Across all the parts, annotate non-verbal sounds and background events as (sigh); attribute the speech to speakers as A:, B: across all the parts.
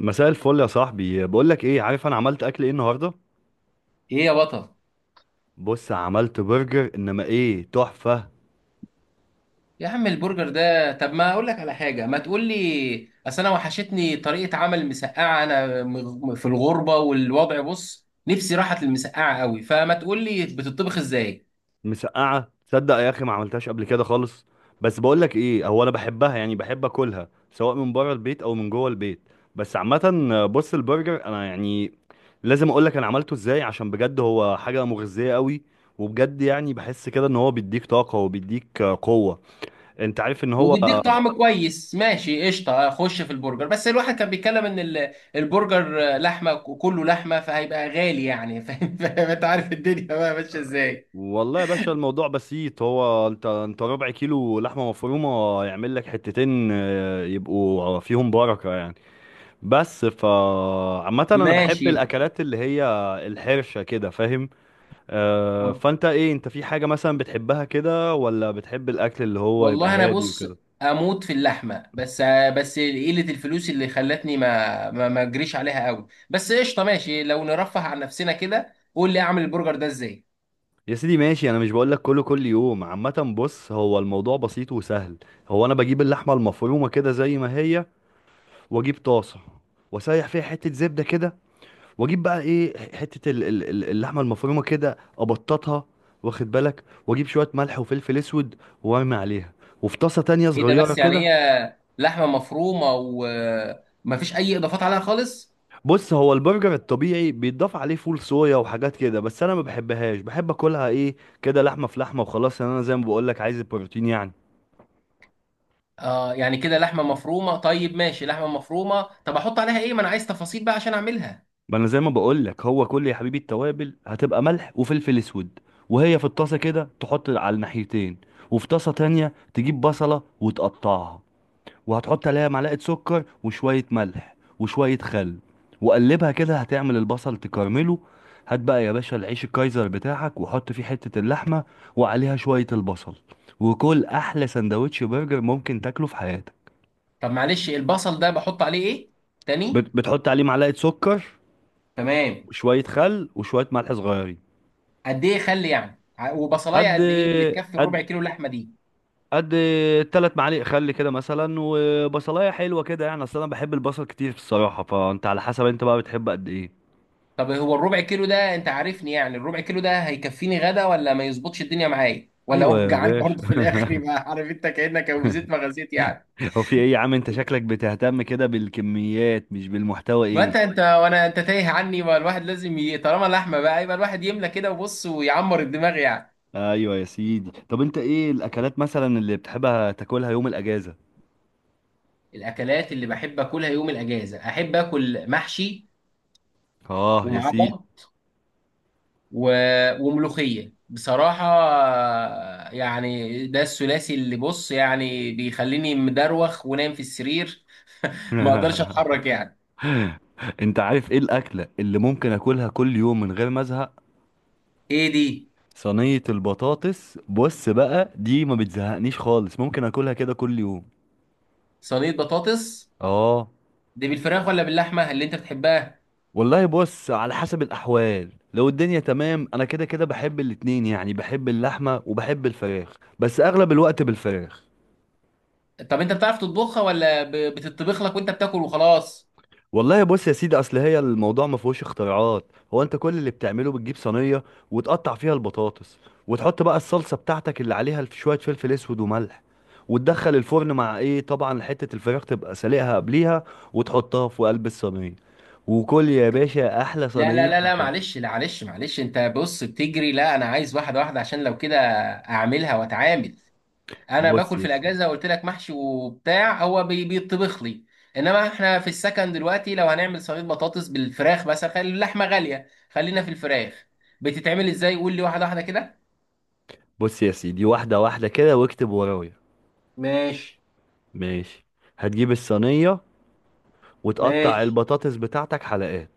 A: مساء الفل يا صاحبي، بقول لك ايه؟ عارف انا عملت اكل ايه النهارده؟
B: ايه يا بطل؟
A: بص، عملت برجر انما ايه تحفه.
B: يا عم، البرجر ده طب ما اقول لك على حاجه. ما تقول لي، اصل انا وحشتني طريقه عمل مسقعه، انا في الغربه، والوضع بص نفسي راحت للمسقعه قوي، فما تقول لي بتطبخ ازاي؟
A: مسقعه، تصدق يا اخي ما عملتهاش قبل كده خالص. بس بقول لك ايه، هو انا بحبها يعني، بحب اكلها سواء من بره البيت او من جوه البيت. بس عامه بص، البرجر انا يعني لازم اقول لك انا عملته ازاي، عشان بجد هو حاجه مغذيه قوي. وبجد يعني بحس كده ان هو بيديك طاقه وبيديك قوه. انت عارف ان هو،
B: وبيديك طعم كويس. ماشي قشطه، اخش في البرجر. بس الواحد كان بيتكلم ان البرجر لحمه، كله لحمه، فهيبقى غالي يعني. (laughs) فاهم فاهم؟ انت عارف الدنيا بقى ماشيه ازاي.
A: والله يا باشا الموضوع بسيط. هو انت ربع كيلو لحمه مفرومه يعمل لك حتتين، يبقوا فيهم بركه يعني. بس عامه انا بحب
B: ماشي.
A: الاكلات اللي هي الحرشه كده، فاهم؟ فانت ايه؟ انت في حاجه مثلا بتحبها كده، ولا بتحب الاكل اللي هو يبقى
B: والله انا
A: هادي
B: بص،
A: وكده؟
B: اموت في اللحمه. بس قله الفلوس اللي خلتني ما اجريش عليها قوي. بس قشطه، ماشي، لو نرفه عن نفسنا كده قول لي اعمل البرجر ده ازاي؟
A: يا سيدي ماشي، انا مش بقول لك كله كل يوم. عامه بص، هو الموضوع بسيط وسهل. هو انا بجيب اللحمه المفرومه كده زي ما هي، واجيب طاسه، واسيح فيها حته زبده كده، واجيب بقى ايه حته اللحمه المفرومه كده ابططها. واخد بالك، واجيب شويه ملح وفلفل اسود وارمي عليها. وفي طاسه تانية
B: ايه ده؟
A: صغيره
B: بس
A: كده.
B: يعني هي لحمه مفرومه وما فيش اي اضافات عليها خالص؟
A: بص، هو البرجر الطبيعي بيتضاف عليه فول صويا وحاجات كده، بس انا ما بحبهاش، بحب اكلها ايه، كده لحمه في لحمه وخلاص، لأن انا زي ما بقول لك عايز البروتين يعني.
B: اه، يعني كده لحمه مفرومه؟ طيب ماشي، لحمه مفرومه، طب احط عليها ايه؟ ما انا عايز تفاصيل بقى عشان اعملها.
A: ما انا زي ما بقول لك، هو كل يا حبيبي التوابل هتبقى ملح وفلفل اسود. وهي في الطاسه كده تحط على الناحيتين. وفي طاسه تانية تجيب بصله وتقطعها، وهتحط عليها معلقة سكر وشوية ملح وشوية خل. وقلبها كده هتعمل البصل تكرمله. هات بقى يا باشا العيش الكايزر بتاعك، وحط فيه حتة اللحمة، وعليها شوية البصل. وكل أحلى سندوتش برجر ممكن تاكله في حياتك.
B: طب معلش، البصل ده بحط عليه ايه تاني؟
A: بتحط عليه معلقة سكر
B: تمام.
A: وشوية خل وشوية ملح صغيرين.
B: قد ايه؟ خلي يعني وبصلايه
A: قد
B: قد ايه اللي تكفي
A: قد
B: الربع كيلو لحمه دي؟
A: قد 3 معالق خل كده مثلا، وبصلايه حلوه كده، يعني اصل انا بحب البصل كتير الصراحه، فانت على حسب، انت بقى بتحب قد ايه؟
B: طب هو الربع كيلو ده، انت عارفني يعني، الربع كيلو ده هيكفيني غدا، ولا ما يظبطش الدنيا معايا، ولا
A: ايوه
B: هو (laughs)
A: يا
B: جعان برضه في
A: باشا،
B: الاخر يبقى، عارف انت، كانك وزيت ما غزيت يعني؟
A: هو في ايه يا عم؟ انت شكلك بتهتم كده بالكميات مش بالمحتوى،
B: ما
A: ايه؟
B: انت وانا، انت تايه عني، ما الواحد لازم طالما لحمه بقى يبقى الواحد يملى كده وبص، ويعمر الدماغ يعني.
A: ايوه يا سيدي. طب انت ايه الاكلات مثلا اللي بتحبها تاكلها يوم الاجازة؟
B: الاكلات اللي بحب اكلها يوم الاجازه، احب اكل محشي
A: اه يا
B: ومعاه
A: سيدي.
B: بط و... وملوخيه بصراحه، يعني ده الثلاثي اللي بص يعني بيخليني مدروخ ونايم في السرير. ما اقدرش
A: (laughs)
B: اتحرك يعني.
A: انت عارف ايه الاكلة اللي ممكن اكلها كل يوم من غير ما ازهق؟
B: ايه دي؟
A: صينية البطاطس. بص بقى، دي ما بتزهقنيش خالص، ممكن اكلها كده كل يوم.
B: صينيه بطاطس؟
A: اه.
B: دي بالفراخ ولا باللحمه اللي انت بتحبها؟
A: والله بص، على حسب الاحوال، لو الدنيا تمام انا كده كده بحب الاتنين، يعني بحب اللحمة وبحب الفراخ، بس اغلب الوقت بالفراخ.
B: طب انت بتعرف تطبخها ولا بتطبخ لك وانت بتاكل وخلاص؟
A: والله بص يا سيدي، اصل هي الموضوع ما فيهوش اختراعات. هو انت كل اللي بتعمله بتجيب صينيه، وتقطع فيها البطاطس، وتحط بقى الصلصه بتاعتك اللي عليها شويه فلفل اسود وملح، وتدخل الفرن مع ايه طبعا، حته الفراخ تبقى سالقها قبليها، وتحطها في قلب الصينيه. وكل يا باشا احلى
B: لا، لا،
A: صينيه
B: لا، لا،
A: بطاطس.
B: معلش، لا، معلش، معلش، انت بص بتجري. لا، انا عايز واحده واحده عشان لو كده اعملها واتعامل. انا
A: بص
B: باكل في
A: يا سيدي
B: الاجازه قلت لك محشي وبتاع، هو بيطبخ لي. انما احنا في السكن دلوقتي، لو هنعمل صينيه بطاطس بالفراخ مثلا، خلي اللحمه غاليه، خلينا في الفراخ. بتتعمل ازاي؟ قول لي واحده واحده كده.
A: بص يا سيدي، واحده واحده كده واكتب ورايا.
B: ماشي.
A: ماشي. هتجيب الصينيه وتقطع
B: ماشي.
A: البطاطس بتاعتك حلقات.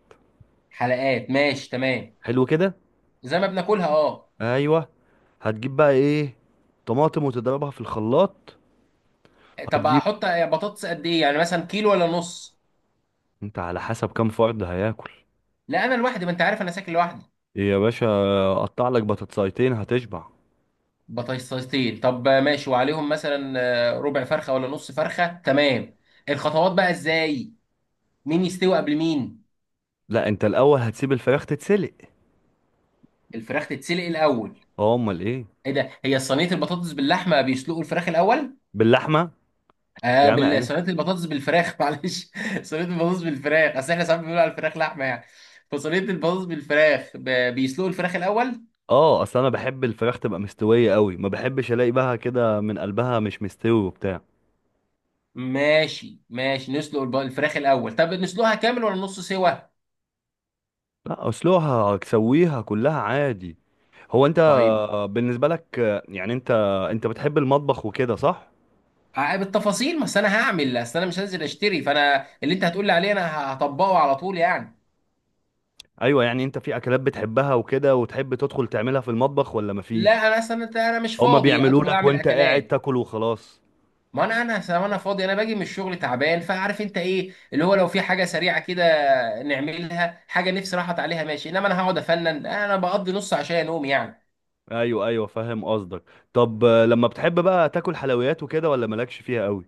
B: حلقات ماشي، تمام.
A: حلو كده.
B: زي ما بناكلها، اه.
A: ايوه. هتجيب بقى ايه، طماطم وتضربها في الخلاط.
B: طب
A: هتجيب
B: احط بطاطس قد ايه يعني؟ مثلا كيلو ولا نص؟
A: انت على حسب كام فرد هياكل.
B: لا انا لوحدي، ما انت عارف انا ساكن لوحدي.
A: إيه يا باشا، قطع لك بطاطسايتين هتشبع.
B: بطاطستين؟ طب ماشي، وعليهم مثلا ربع فرخه ولا نص فرخه؟ تمام. الخطوات بقى ازاي؟ مين يستوي قبل مين؟
A: لا، انت الاول هتسيب الفراخ تتسلق.
B: الفراخ تتسلق الاول؟
A: اه، امال ايه؟
B: ايه ده؟ هي صينيه البطاطس باللحمه بيسلقوا الفراخ الاول؟
A: باللحمه.
B: اه،
A: يا عم انا،
B: صينيه البطاطس بالفراخ. (laughs) معلش. صينيه البطاطس بالفراخ، اصل احنا ساعات بنقول على الفراخ لحمه يعني. فصينيه البطاطس بالفراخ، بيسلقوا الفراخ الاول.
A: اه اصل انا بحب الفراخ تبقى مستويه قوي، ما بحبش الاقي بقى كده من قلبها مش مستوي وبتاع.
B: ماشي. ماشي. نسلق الفراخ الاول. طب نسلقها كامل ولا نص سوا؟
A: لا، اسلوها تسويها كلها عادي. هو انت،
B: طيب،
A: بالنسبه لك يعني انت بتحب المطبخ وكده، صح؟
B: بالتفاصيل، ما أصل انا هعمل، اصل انا مش هنزل اشتري، فانا اللي انت هتقول لي عليه انا هطبقه على طول يعني.
A: ايوه يعني انت في اكلات بتحبها وكده، وتحب تدخل تعملها في المطبخ ولا مفيش؟
B: لا انا اصلا، انت، انا مش
A: هما
B: فاضي
A: بيعملوا
B: ادخل
A: لك
B: اعمل
A: وانت قاعد
B: اكلات.
A: تاكل وخلاص.
B: ما انا أصل انا فاضي، انا باجي من الشغل تعبان، فعارف انت ايه اللي هو، لو في حاجه سريعه كده نعملها، حاجه نفسي راحت عليها ماشي، انما انا هقعد افنن، انا بقضي نص عشان انوم يعني.
A: ايوه ايوه، فاهم قصدك. طب لما بتحب بقى تاكل حلويات وكده ولا مالكش فيها قوي؟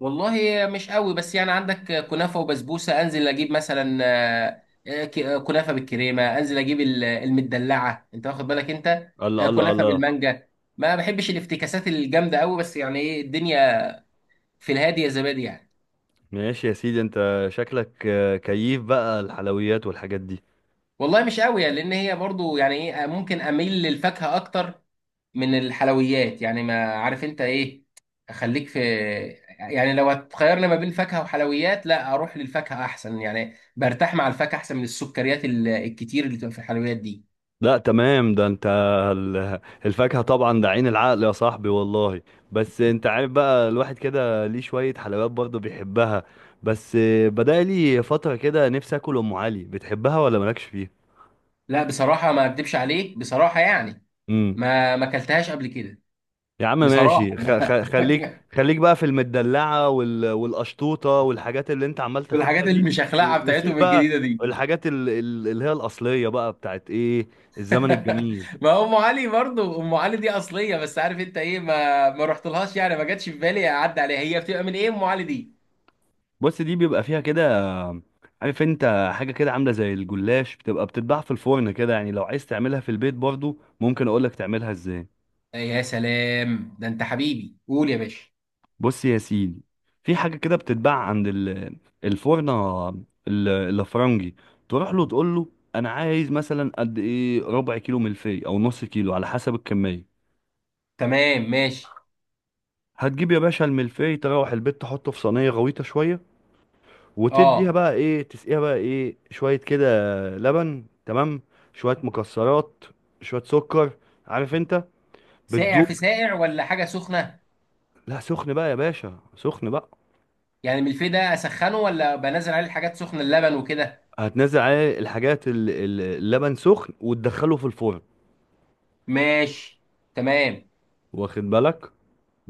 B: والله مش قوي، بس يعني عندك كنافة وبسبوسة، انزل اجيب مثلا كنافة بالكريمة، انزل اجيب المدلعة، انت واخد بالك انت.
A: الله الله
B: كنافة
A: الله.
B: بالمانجا. ما بحبش الافتكاسات الجامدة قوي، بس يعني ايه الدنيا، في الهادي يا زبادي يعني.
A: ماشي يا سيدي، انت شكلك كيف بقى الحلويات والحاجات دي؟
B: والله مش قوي يعني، لان هي برضو يعني، ايه، ممكن اميل للفاكهة اكتر من الحلويات يعني، ما عارف انت ايه. اخليك في، يعني لو هتخيرني ما بين فاكهة وحلويات، لا، اروح للفاكهة احسن يعني، برتاح مع الفاكهة احسن من السكريات الكتير اللي بتبقى في الحلويات دي.
A: لا تمام، ده انت ال- الفاكهة طبعا ده عين العقل يا صاحبي والله. بس انت عارف بقى الواحد كده ليه شوية حلويات برضه بيحبها. بس بدأ لي فترة كده نفسي اكل ام علي، بتحبها ولا مالكش فيها؟
B: لا بصراحة ما اكدبش عليك، بصراحة يعني،
A: امم.
B: ما اكلتهاش قبل كده.
A: يا عم
B: بصراحة.
A: ماشي، خ
B: (laughs)
A: خ خليك خليك بقى في المدلعة والقشطوطة والحاجات اللي انت عمال تاكلها
B: والحاجات
A: دي.
B: المشخلعة
A: وسيب
B: بتاعتهم
A: بقى
B: الجديدة دي.
A: الحاجات اللي هي الأصلية بقى بتاعت ايه، الزمن الجميل.
B: (laughs) ما هو ام علي برضو، ام علي دي اصلية، بس عارف انت ايه، ما رحتلهاش يعني، ما جاتش في بالي اعدي عليها. هي بتبقى من ايه ام علي دي؟
A: بص، دي بيبقى فيها كده، عارف انت حاجه كده عامله زي الجلاش، بتبقى بتتباع في الفرن كده، يعني لو عايز تعملها في البيت برضو ممكن اقولك تعملها ازاي.
B: إيه، يا سلام، ده انت حبيبي، قول يا باشا.
A: بص يا سيدي، في حاجه كده بتتباع عند الفرنه الافرنجي. تروح له تقول له انا عايز مثلا قد ايه، ربع كيلو ملفي او نص كيلو على حسب الكميه.
B: تمام ماشي.
A: هتجيب يا باشا الملفي، تروح البيت تحطه في صينيه غويطه شويه، وتديها
B: اه،
A: بقى ايه، تسقيها بقى ايه شوية كده لبن، تمام، شوية مكسرات، شوية سكر. عارف انت،
B: ساقع
A: بتدوق.
B: في ساقع ولا حاجه سخنه؟
A: لا، سخن بقى يا باشا، سخن بقى.
B: يعني الملفيه ده اسخنه، ولا بنزل عليه الحاجات سخنه، اللبن وكده؟
A: هتنزل عليه الحاجات اللبن سخن، وتدخله في الفرن.
B: ماشي. تمام.
A: واخد بالك.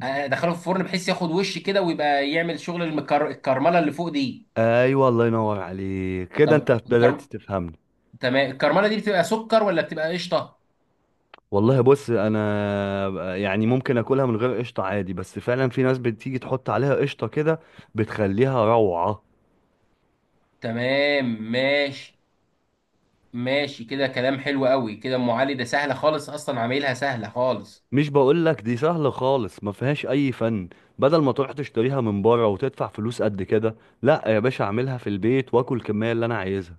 B: ادخله في الفرن بحيث ياخد وش كده، ويبقى يعمل شغل الكرمله اللي فوق دي.
A: ايوه، الله ينور عليك، كده انت
B: طب
A: بدأت تفهمني.
B: تمام، الكرمله دي بتبقى سكر ولا بتبقى قشطه؟
A: والله بص، انا يعني ممكن اكلها من غير قشطه عادي، بس فعلا في ناس بتيجي تحط عليها قشطه كده، بتخليها روعه.
B: تمام. ماشي. ماشي، كده كلام حلو قوي، كده ام علي ده سهله خالص، اصلا عاملها سهله خالص.
A: مش بقولك دي سهلة خالص ما فيهاش أي فن. بدل ما تروح تشتريها من بره وتدفع فلوس قد كده، لا يا باشا، أعملها في البيت وآكل الكمية اللي أنا عايزها.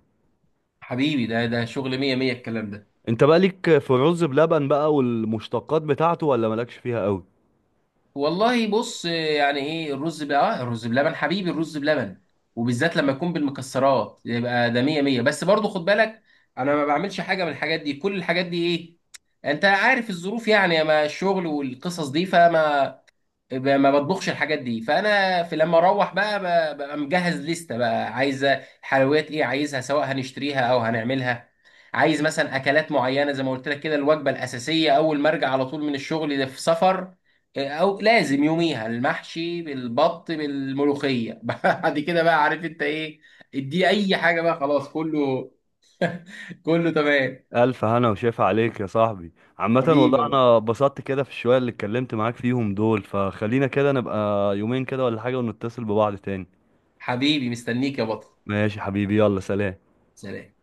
B: حبيبي، ده شغل مية مية الكلام ده.
A: أنت بقى ليك في الرز بلبن بقى والمشتقات بتاعته ولا مالكش فيها أوي؟
B: والله بص يعني، ايه الرز بقى، الرز بلبن حبيبي، الرز بلبن. وبالذات لما يكون بالمكسرات يبقى ده مية مية، بس برضو خد بالك، انا ما بعملش حاجة من الحاجات دي، كل الحاجات دي، ايه، انت عارف الظروف يعني، ما الشغل والقصص دي، فما ما بطبخش الحاجات دي. فانا في، لما اروح بقى، ببقى مجهز لستة بقى عايزه. الحلويات ايه عايزها، سواء هنشتريها او هنعملها. عايز مثلا اكلات معينه، زي ما قلت لك كده، الوجبه الاساسيه اول ما ارجع على طول من الشغل، ده في سفر. او لازم يوميها المحشي بالبط بالملوخيه. (laughs) بعد كده بقى، عارف انت ايه، ادي اي حاجه بقى، خلاص، كله كله تمام.
A: ألف هنا وشاف عليك يا صاحبي. عامة
B: حبيبي
A: والله
B: يا بطل.
A: أنا اتبسطت كده في الشوية اللي اتكلمت معاك فيهم دول، فخلينا كده نبقى يومين كده ولا حاجة ونتصل ببعض تاني.
B: حبيبي مستنيك يا بطل.
A: ماشي حبيبي، يلا سلام.
B: سلام.